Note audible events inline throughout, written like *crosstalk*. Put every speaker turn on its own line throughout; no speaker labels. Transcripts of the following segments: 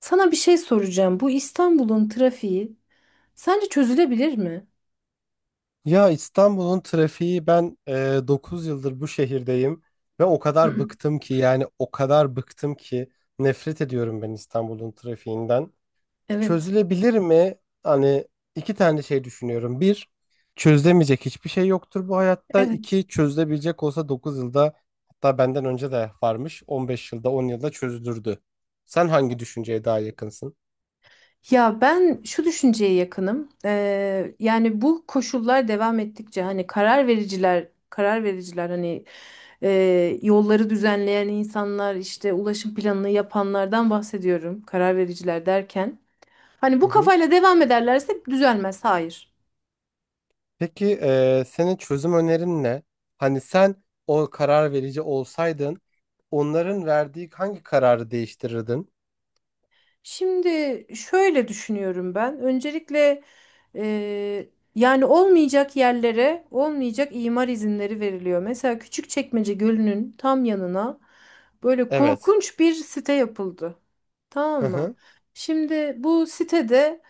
Sana bir şey soracağım. Bu İstanbul'un trafiği sence çözülebilir mi?
Ya İstanbul'un trafiği ben 9 yıldır bu şehirdeyim ve o kadar
*clears throat*
bıktım ki yani o kadar bıktım ki nefret ediyorum ben İstanbul'un trafiğinden.
Evet.
Çözülebilir mi? Hani iki tane şey düşünüyorum. Bir, çözülemeyecek hiçbir şey yoktur bu hayatta.
Evet.
İki, çözülebilecek olsa 9 yılda hatta benden önce de varmış 15 yılda 10 yılda çözülürdü. Sen hangi düşünceye daha yakınsın?
Ya ben şu düşünceye yakınım. Yani bu koşullar devam ettikçe hani karar vericiler hani e, yolları düzenleyen insanlar işte ulaşım planını yapanlardan bahsediyorum. Karar vericiler derken. Hani
Hı
bu
hı.
kafayla devam ederlerse düzelmez. Hayır.
Peki senin çözüm önerin ne? Hani sen o karar verici olsaydın onların verdiği hangi kararı değiştirirdin?
Şimdi şöyle düşünüyorum ben. Öncelikle eee, yani olmayacak yerlere olmayacak imar izinleri veriliyor. Mesela Küçükçekmece Gölü'nün tam yanına böyle
Evet.
korkunç bir site yapıldı. Tamam
Hı
mı?
hı.
Şimdi bu sitede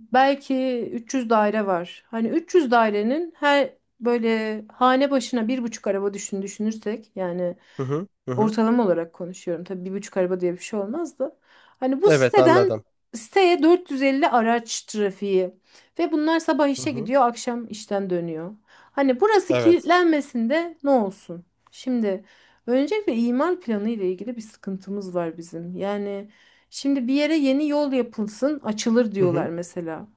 belki 300 daire var. Hani 300 dairenin her böyle hane başına 1,5 araba düşünürsek yani
Hı hı. Hı hı.
ortalama olarak konuşuyorum. Tabii 1,5 araba diye bir şey olmaz da. Hani bu
Evet,
siteden
anladım.
siteye 450 araç trafiği ve bunlar sabah
Hı
işe
hı.
gidiyor, akşam işten dönüyor. Hani burası
Evet.
kilitlenmesinde ne olsun? Şimdi öncelikle imar planı ile ilgili bir sıkıntımız var bizim. Yani şimdi bir yere yeni yol yapılsın, açılır
Hı
diyorlar
hı.
mesela.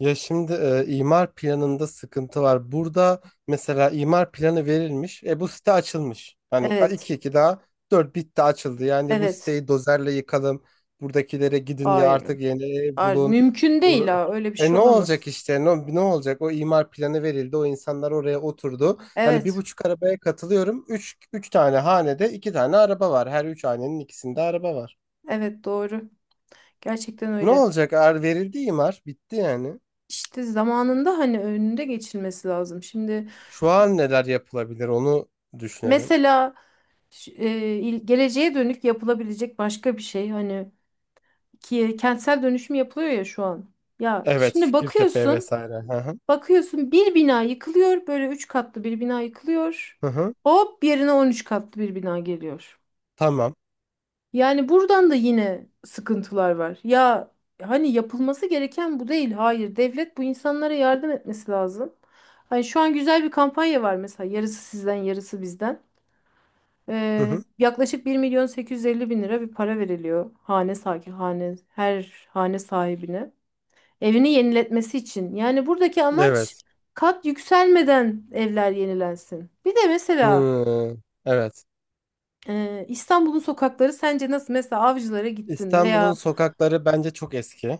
Ya şimdi imar planında sıkıntı var. Burada mesela imar planı verilmiş. E, bu site açılmış. Hani
Evet,
iki iki daha dört, bitti, açıldı. Yani bu
evet.
siteyi dozerle yıkalım. Buradakilere gidin ya,
Hayır.
artık yeni ev
Hayır,
bulun.
mümkün değil
Bur-
ha. Öyle bir şey
Ne olacak
olamaz.
işte? Ne olacak? O imar planı verildi. O insanlar oraya oturdu. Hani bir
Evet,
buçuk arabaya katılıyorum. Üç tane hanede iki tane araba var. Her üç hanenin ikisinde araba var.
evet doğru. Gerçekten
Ne
öyle.
olacak? Verildi imar. Bitti yani.
İşte zamanında hani önünde geçilmesi lazım. Şimdi
Şu an neler yapılabilir onu düşünelim.
mesela geleceğe dönük yapılabilecek başka bir şey hani ki kentsel dönüşüm yapılıyor ya şu an. Ya
Evet.
şimdi
Fikirtepe
bakıyorsun,
vesaire. Hı hı.
bakıyorsun bir bina yıkılıyor, böyle üç katlı bir bina yıkılıyor.
Hı hı.
Hop yerine 13 katlı bir bina geliyor.
Tamam.
Yani buradan da yine sıkıntılar var. Ya hani yapılması gereken bu değil. Hayır, devlet bu insanlara yardım etmesi lazım. Hani şu an güzel bir kampanya var mesela yarısı sizden yarısı bizden.
Hı hı.
Yaklaşık 1.850.000 lira bir para veriliyor hane sahibi hane her hane sahibine. Evini yeniletmesi için. Yani buradaki amaç
Evet.
kat yükselmeden evler yenilensin. Bir de mesela
Hı. Evet.
İstanbul'un sokakları sence nasıl? Mesela Avcılar'a gittin veya
İstanbul'un sokakları bence çok eski.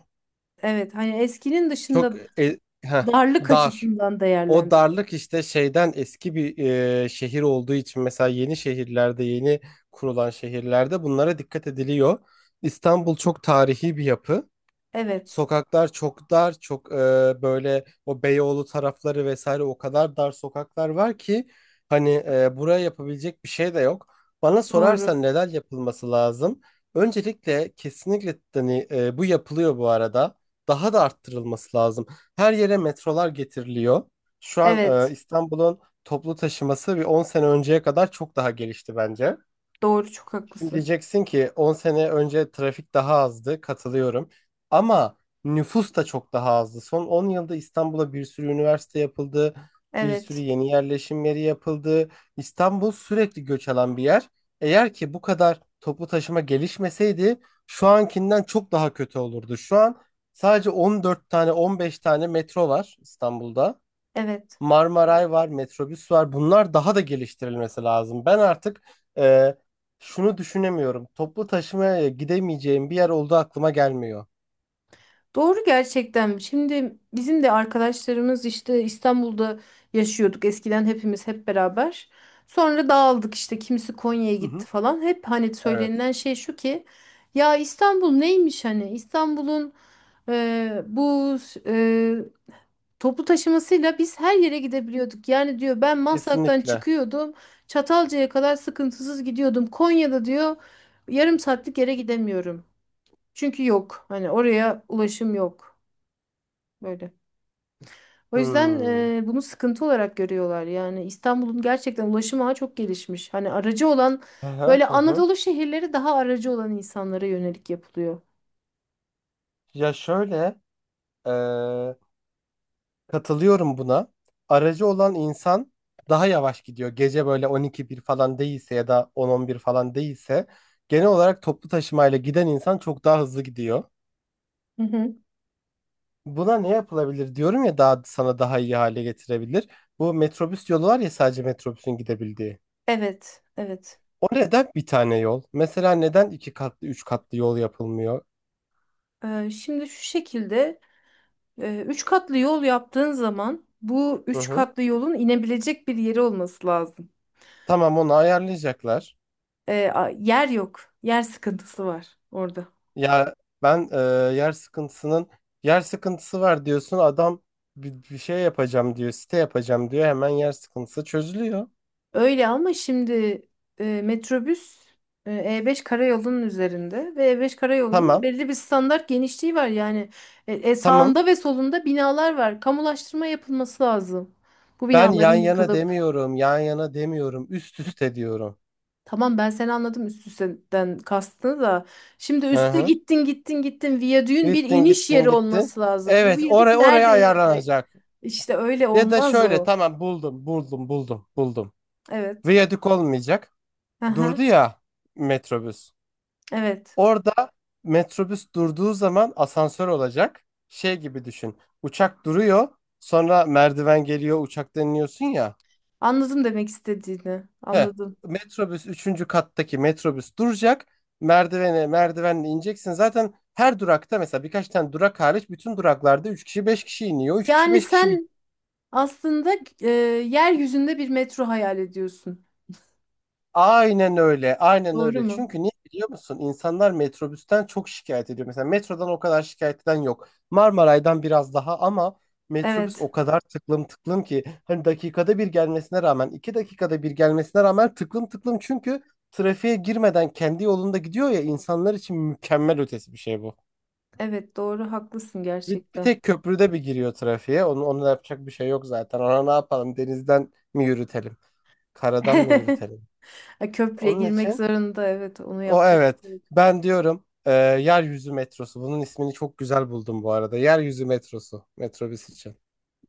evet hani eskinin
Çok
dışında darlık
dar.
açısından
O
değerlendirmek.
darlık işte şeyden, eski bir şehir olduğu için. Mesela yeni şehirlerde, yeni kurulan şehirlerde bunlara dikkat ediliyor. İstanbul çok tarihi bir yapı.
Evet
Sokaklar çok dar, çok böyle o Beyoğlu tarafları vesaire, o kadar dar sokaklar var ki hani buraya yapabilecek bir şey de yok. Bana
doğru.
sorarsan neler yapılması lazım? Öncelikle kesinlikle, hani bu yapılıyor bu arada. Daha da arttırılması lazım. Her yere metrolar getiriliyor. Şu an
Evet
İstanbul'un toplu taşıması bir 10 sene önceye kadar çok daha gelişti bence.
doğru çok
Şimdi
haklısın.
diyeceksin ki 10 sene önce trafik daha azdı, katılıyorum. Ama nüfus da çok daha azdı. Son 10 yılda İstanbul'a bir sürü üniversite yapıldı, bir sürü
Evet,
yeni yerleşim yeri yapıldı. İstanbul sürekli göç alan bir yer. Eğer ki bu kadar toplu taşıma gelişmeseydi, şu ankinden çok daha kötü olurdu. Şu an sadece 14 tane, 15 tane metro var İstanbul'da.
evet.
Marmaray var, metrobüs var. Bunlar daha da geliştirilmesi lazım. Ben artık e, şunu düşünemiyorum. Toplu taşımaya gidemeyeceğim bir yer olduğu aklıma gelmiyor.
Doğru gerçekten. Şimdi bizim de arkadaşlarımız işte İstanbul'da yaşıyorduk eskiden hepimiz hep beraber. Sonra dağıldık işte kimisi Konya'ya
Hı
gitti
hı.
falan. Hep hani
Evet,
söylenilen şey şu ki ya İstanbul neymiş hani İstanbul'un bu e, toplu taşımasıyla biz her yere gidebiliyorduk. Yani diyor ben Maslak'tan
kesinlikle.
çıkıyordum Çatalca'ya kadar sıkıntısız gidiyordum. Konya'da diyor yarım saatlik yere gidemiyorum. Çünkü yok hani oraya ulaşım yok. Böyle. O yüzden
Hmm.
bunu sıkıntı olarak görüyorlar. Yani İstanbul'un gerçekten ulaşım ağı çok gelişmiş. Hani aracı olan
Hı hı
böyle
hı. Hı.
Anadolu şehirleri daha aracı olan insanlara yönelik yapılıyor.
Ya şöyle, e, katılıyorum buna. Aracı olan insan daha yavaş gidiyor. Gece böyle 12-1 falan değilse ya da 10-11 falan değilse, genel olarak toplu taşımayla giden insan çok daha hızlı gidiyor.
Hı hı.
Buna ne yapılabilir diyorum ya, daha sana daha iyi hale getirebilir. Bu metrobüs yolu var ya, sadece metrobüsün gidebildiği.
Evet, evet.
O neden bir tane yol? Mesela neden iki katlı, üç katlı yol yapılmıyor?
Şimdi şu şekilde üç katlı yol yaptığın zaman bu
Hı
üç
hı.
katlı yolun inebilecek bir yeri olması lazım.
Tamam, onu ayarlayacaklar.
Yer yok, yer sıkıntısı var orada.
Ya ben yer sıkıntısının yer sıkıntısı var diyorsun. Adam bir şey yapacağım diyor, site yapacağım diyor, hemen yer sıkıntısı çözülüyor.
Öyle ama şimdi metrobüs e, E5 karayolunun üzerinde ve E5 karayolunun
Tamam,
belli bir standart genişliği var. Yani
tamam.
sağında ve solunda binalar var. Kamulaştırma yapılması lazım. Bu
Ben
binaların
yan yana
yıkılıp
demiyorum, yan yana demiyorum, üst üste diyorum.
tamam ben seni anladım üst üste'den kastını da. Şimdi
Hı
üste
hı.
gittin gittin gittin viyadüğün bir
Gittin,
iniş
gittin,
yeri
gittin.
olması lazım. Bu
Evet,
viyadük
oraya
nerede inecek?
ayarlanacak.
İşte öyle
Ya da
olmaz
şöyle,
o.
tamam, buldum, buldum, buldum, buldum.
Evet.
Viyadük olmayacak.
Aha,
Durdu ya metrobüs.
evet.
Orada metrobüs durduğu zaman asansör olacak. Şey gibi düşün. Uçak duruyor. Sonra merdiven geliyor, uçaktan iniyorsun ya.
Anladım demek istediğini.
He.
Anladım.
Metrobüs üçüncü kattaki metrobüs duracak. Merdivenle ineceksin. Zaten her durakta, mesela birkaç tane durak hariç, bütün duraklarda 3 kişi 5 kişi iniyor. Üç kişi
Yani
5 kişi.
sen aslında yeryüzünde bir metro hayal ediyorsun.
Aynen öyle, aynen
Doğru
öyle.
mu?
Çünkü niye biliyor musun? İnsanlar metrobüsten çok şikayet ediyor. Mesela metrodan o kadar şikayet eden yok. Marmaray'dan biraz daha, ama metrobüs
Evet.
o kadar tıklım tıklım ki hani dakikada bir gelmesine rağmen, iki dakikada bir gelmesine rağmen tıklım tıklım. Çünkü trafiğe girmeden kendi yolunda gidiyor ya, insanlar için mükemmel ötesi bir şey bu.
Evet doğru haklısın
Bir
gerçekten.
tek köprüde bir giriyor trafiğe. Onu da yapacak bir şey yok zaten. Ona ne yapalım? Denizden mi yürütelim? Karadan mı
*laughs*
yürütelim?
Ha, köprüye
Onun
girmek
için.
zorunda, evet, onu
O,
yapacak.
evet.
Bir şey yok.
Ben diyorum yeryüzü metrosu. Bunun ismini çok güzel buldum bu arada. Yeryüzü metrosu. Metrobüs için.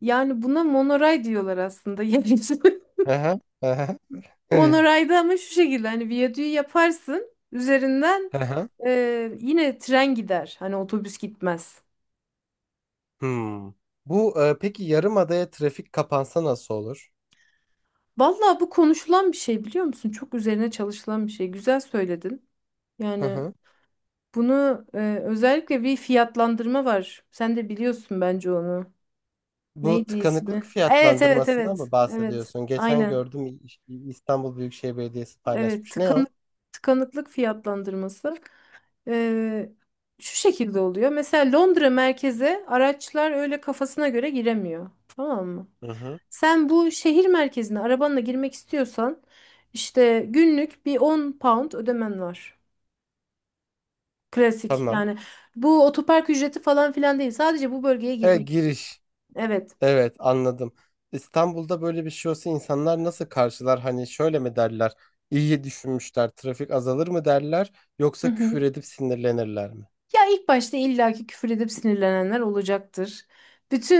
Yani buna monoray diyorlar aslında *laughs* yeryüzü.
Hı hı, hı hı. *laughs*
Monorayda ama şu şekilde hani viyadüğü yaparsın üzerinden
Hı hı.
yine tren gider. Hani otobüs gitmez.
Hmm. Bu peki, yarımadaya trafik kapansa nasıl olur?
Vallahi bu konuşulan bir şey biliyor musun? Çok üzerine çalışılan bir şey. Güzel söyledin.
Hı
Yani
hı.
bunu özellikle bir fiyatlandırma var. Sen de biliyorsun bence onu.
Bu
Neydi
tıkanıklık
ismi? Evet, evet,
fiyatlandırmasından mı
evet. Evet.
bahsediyorsun? Geçen
Aynen.
gördüm, İstanbul Büyükşehir Belediyesi
Evet,
paylaşmış. Ne o?
tıkanıklık fiyatlandırması. e, şu şekilde oluyor. Mesela Londra merkeze araçlar öyle kafasına göre giremiyor. Tamam mı?
Hı hı.
Sen bu şehir merkezine arabanla girmek istiyorsan işte günlük bir 10 pound ödemen var. Klasik.
Tamam.
Yani bu otopark ücreti falan filan değil. Sadece bu bölgeye girmek için.
Giriş.
Evet.
Evet, anladım. İstanbul'da böyle bir şey olsa insanlar nasıl karşılar? Hani şöyle mi derler? İyi düşünmüşler, trafik azalır mı derler?
Hı
Yoksa
hı.
küfür edip sinirlenirler mi?
Ya ilk başta illaki küfür edip sinirlenenler olacaktır.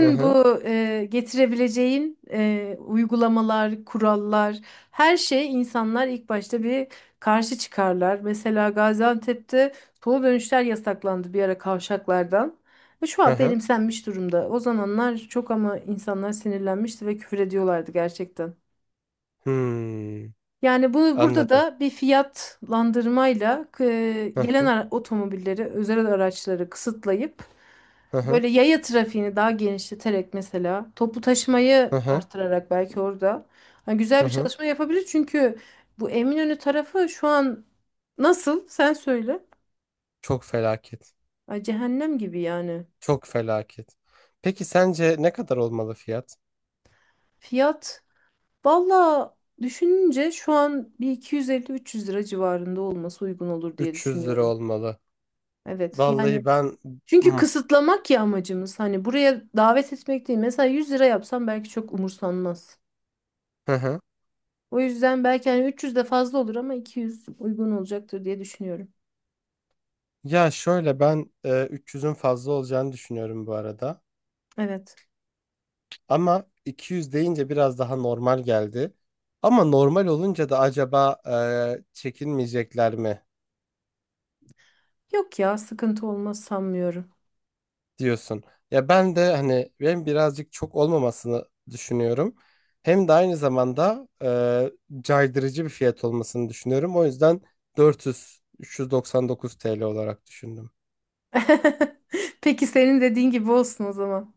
Hı hı.
bu getirebileceğin uygulamalar, kurallar, her şey insanlar ilk başta bir karşı çıkarlar. Mesela Gaziantep'te toplu dönüşler yasaklandı bir ara kavşaklardan. Ve şu
Hı
an
hı.
benimsenmiş durumda. O zamanlar çok ama insanlar sinirlenmişti ve küfür ediyorlardı gerçekten.
Hmm,
Yani bunu burada
anladım.
da bir fiyatlandırmayla
Hı
gelen
hı.
otomobilleri, özel araçları kısıtlayıp
Hı hı.
böyle yaya trafiğini daha genişleterek mesela toplu taşımayı
Hı hı.
artırarak belki orada hani güzel
Hı
bir
hı.
çalışma yapabilir. Çünkü bu Eminönü tarafı şu an nasıl? Sen söyle.
Çok felaket.
Ay cehennem gibi yani.
Çok felaket. Peki sence ne kadar olmalı fiyat?
Fiyat valla düşününce şu an bir 250 300 lira civarında olması uygun olur diye
300 lira
düşünüyorum.
olmalı.
Evet yani
Vallahi ben. Hı
çünkü
hı.
kısıtlamak ya amacımız. Hani buraya davet etmek değil. Mesela 100 lira yapsam belki çok umursanmaz.
Hı.
O yüzden belki hani 300 de fazla olur ama 200 uygun olacaktır diye düşünüyorum.
Ya şöyle, ben 300'ün fazla olacağını düşünüyorum bu arada.
Evet.
Ama 200 deyince biraz daha normal geldi. Ama normal olunca da acaba çekinmeyecekler mi
Yok ya sıkıntı olmaz sanmıyorum.
diyorsun. Ya ben de hani, ben birazcık çok olmamasını düşünüyorum. Hem de aynı zamanda caydırıcı bir fiyat olmasını düşünüyorum. O yüzden 400 399 TL olarak düşündüm.
*laughs* Peki senin dediğin gibi olsun o zaman.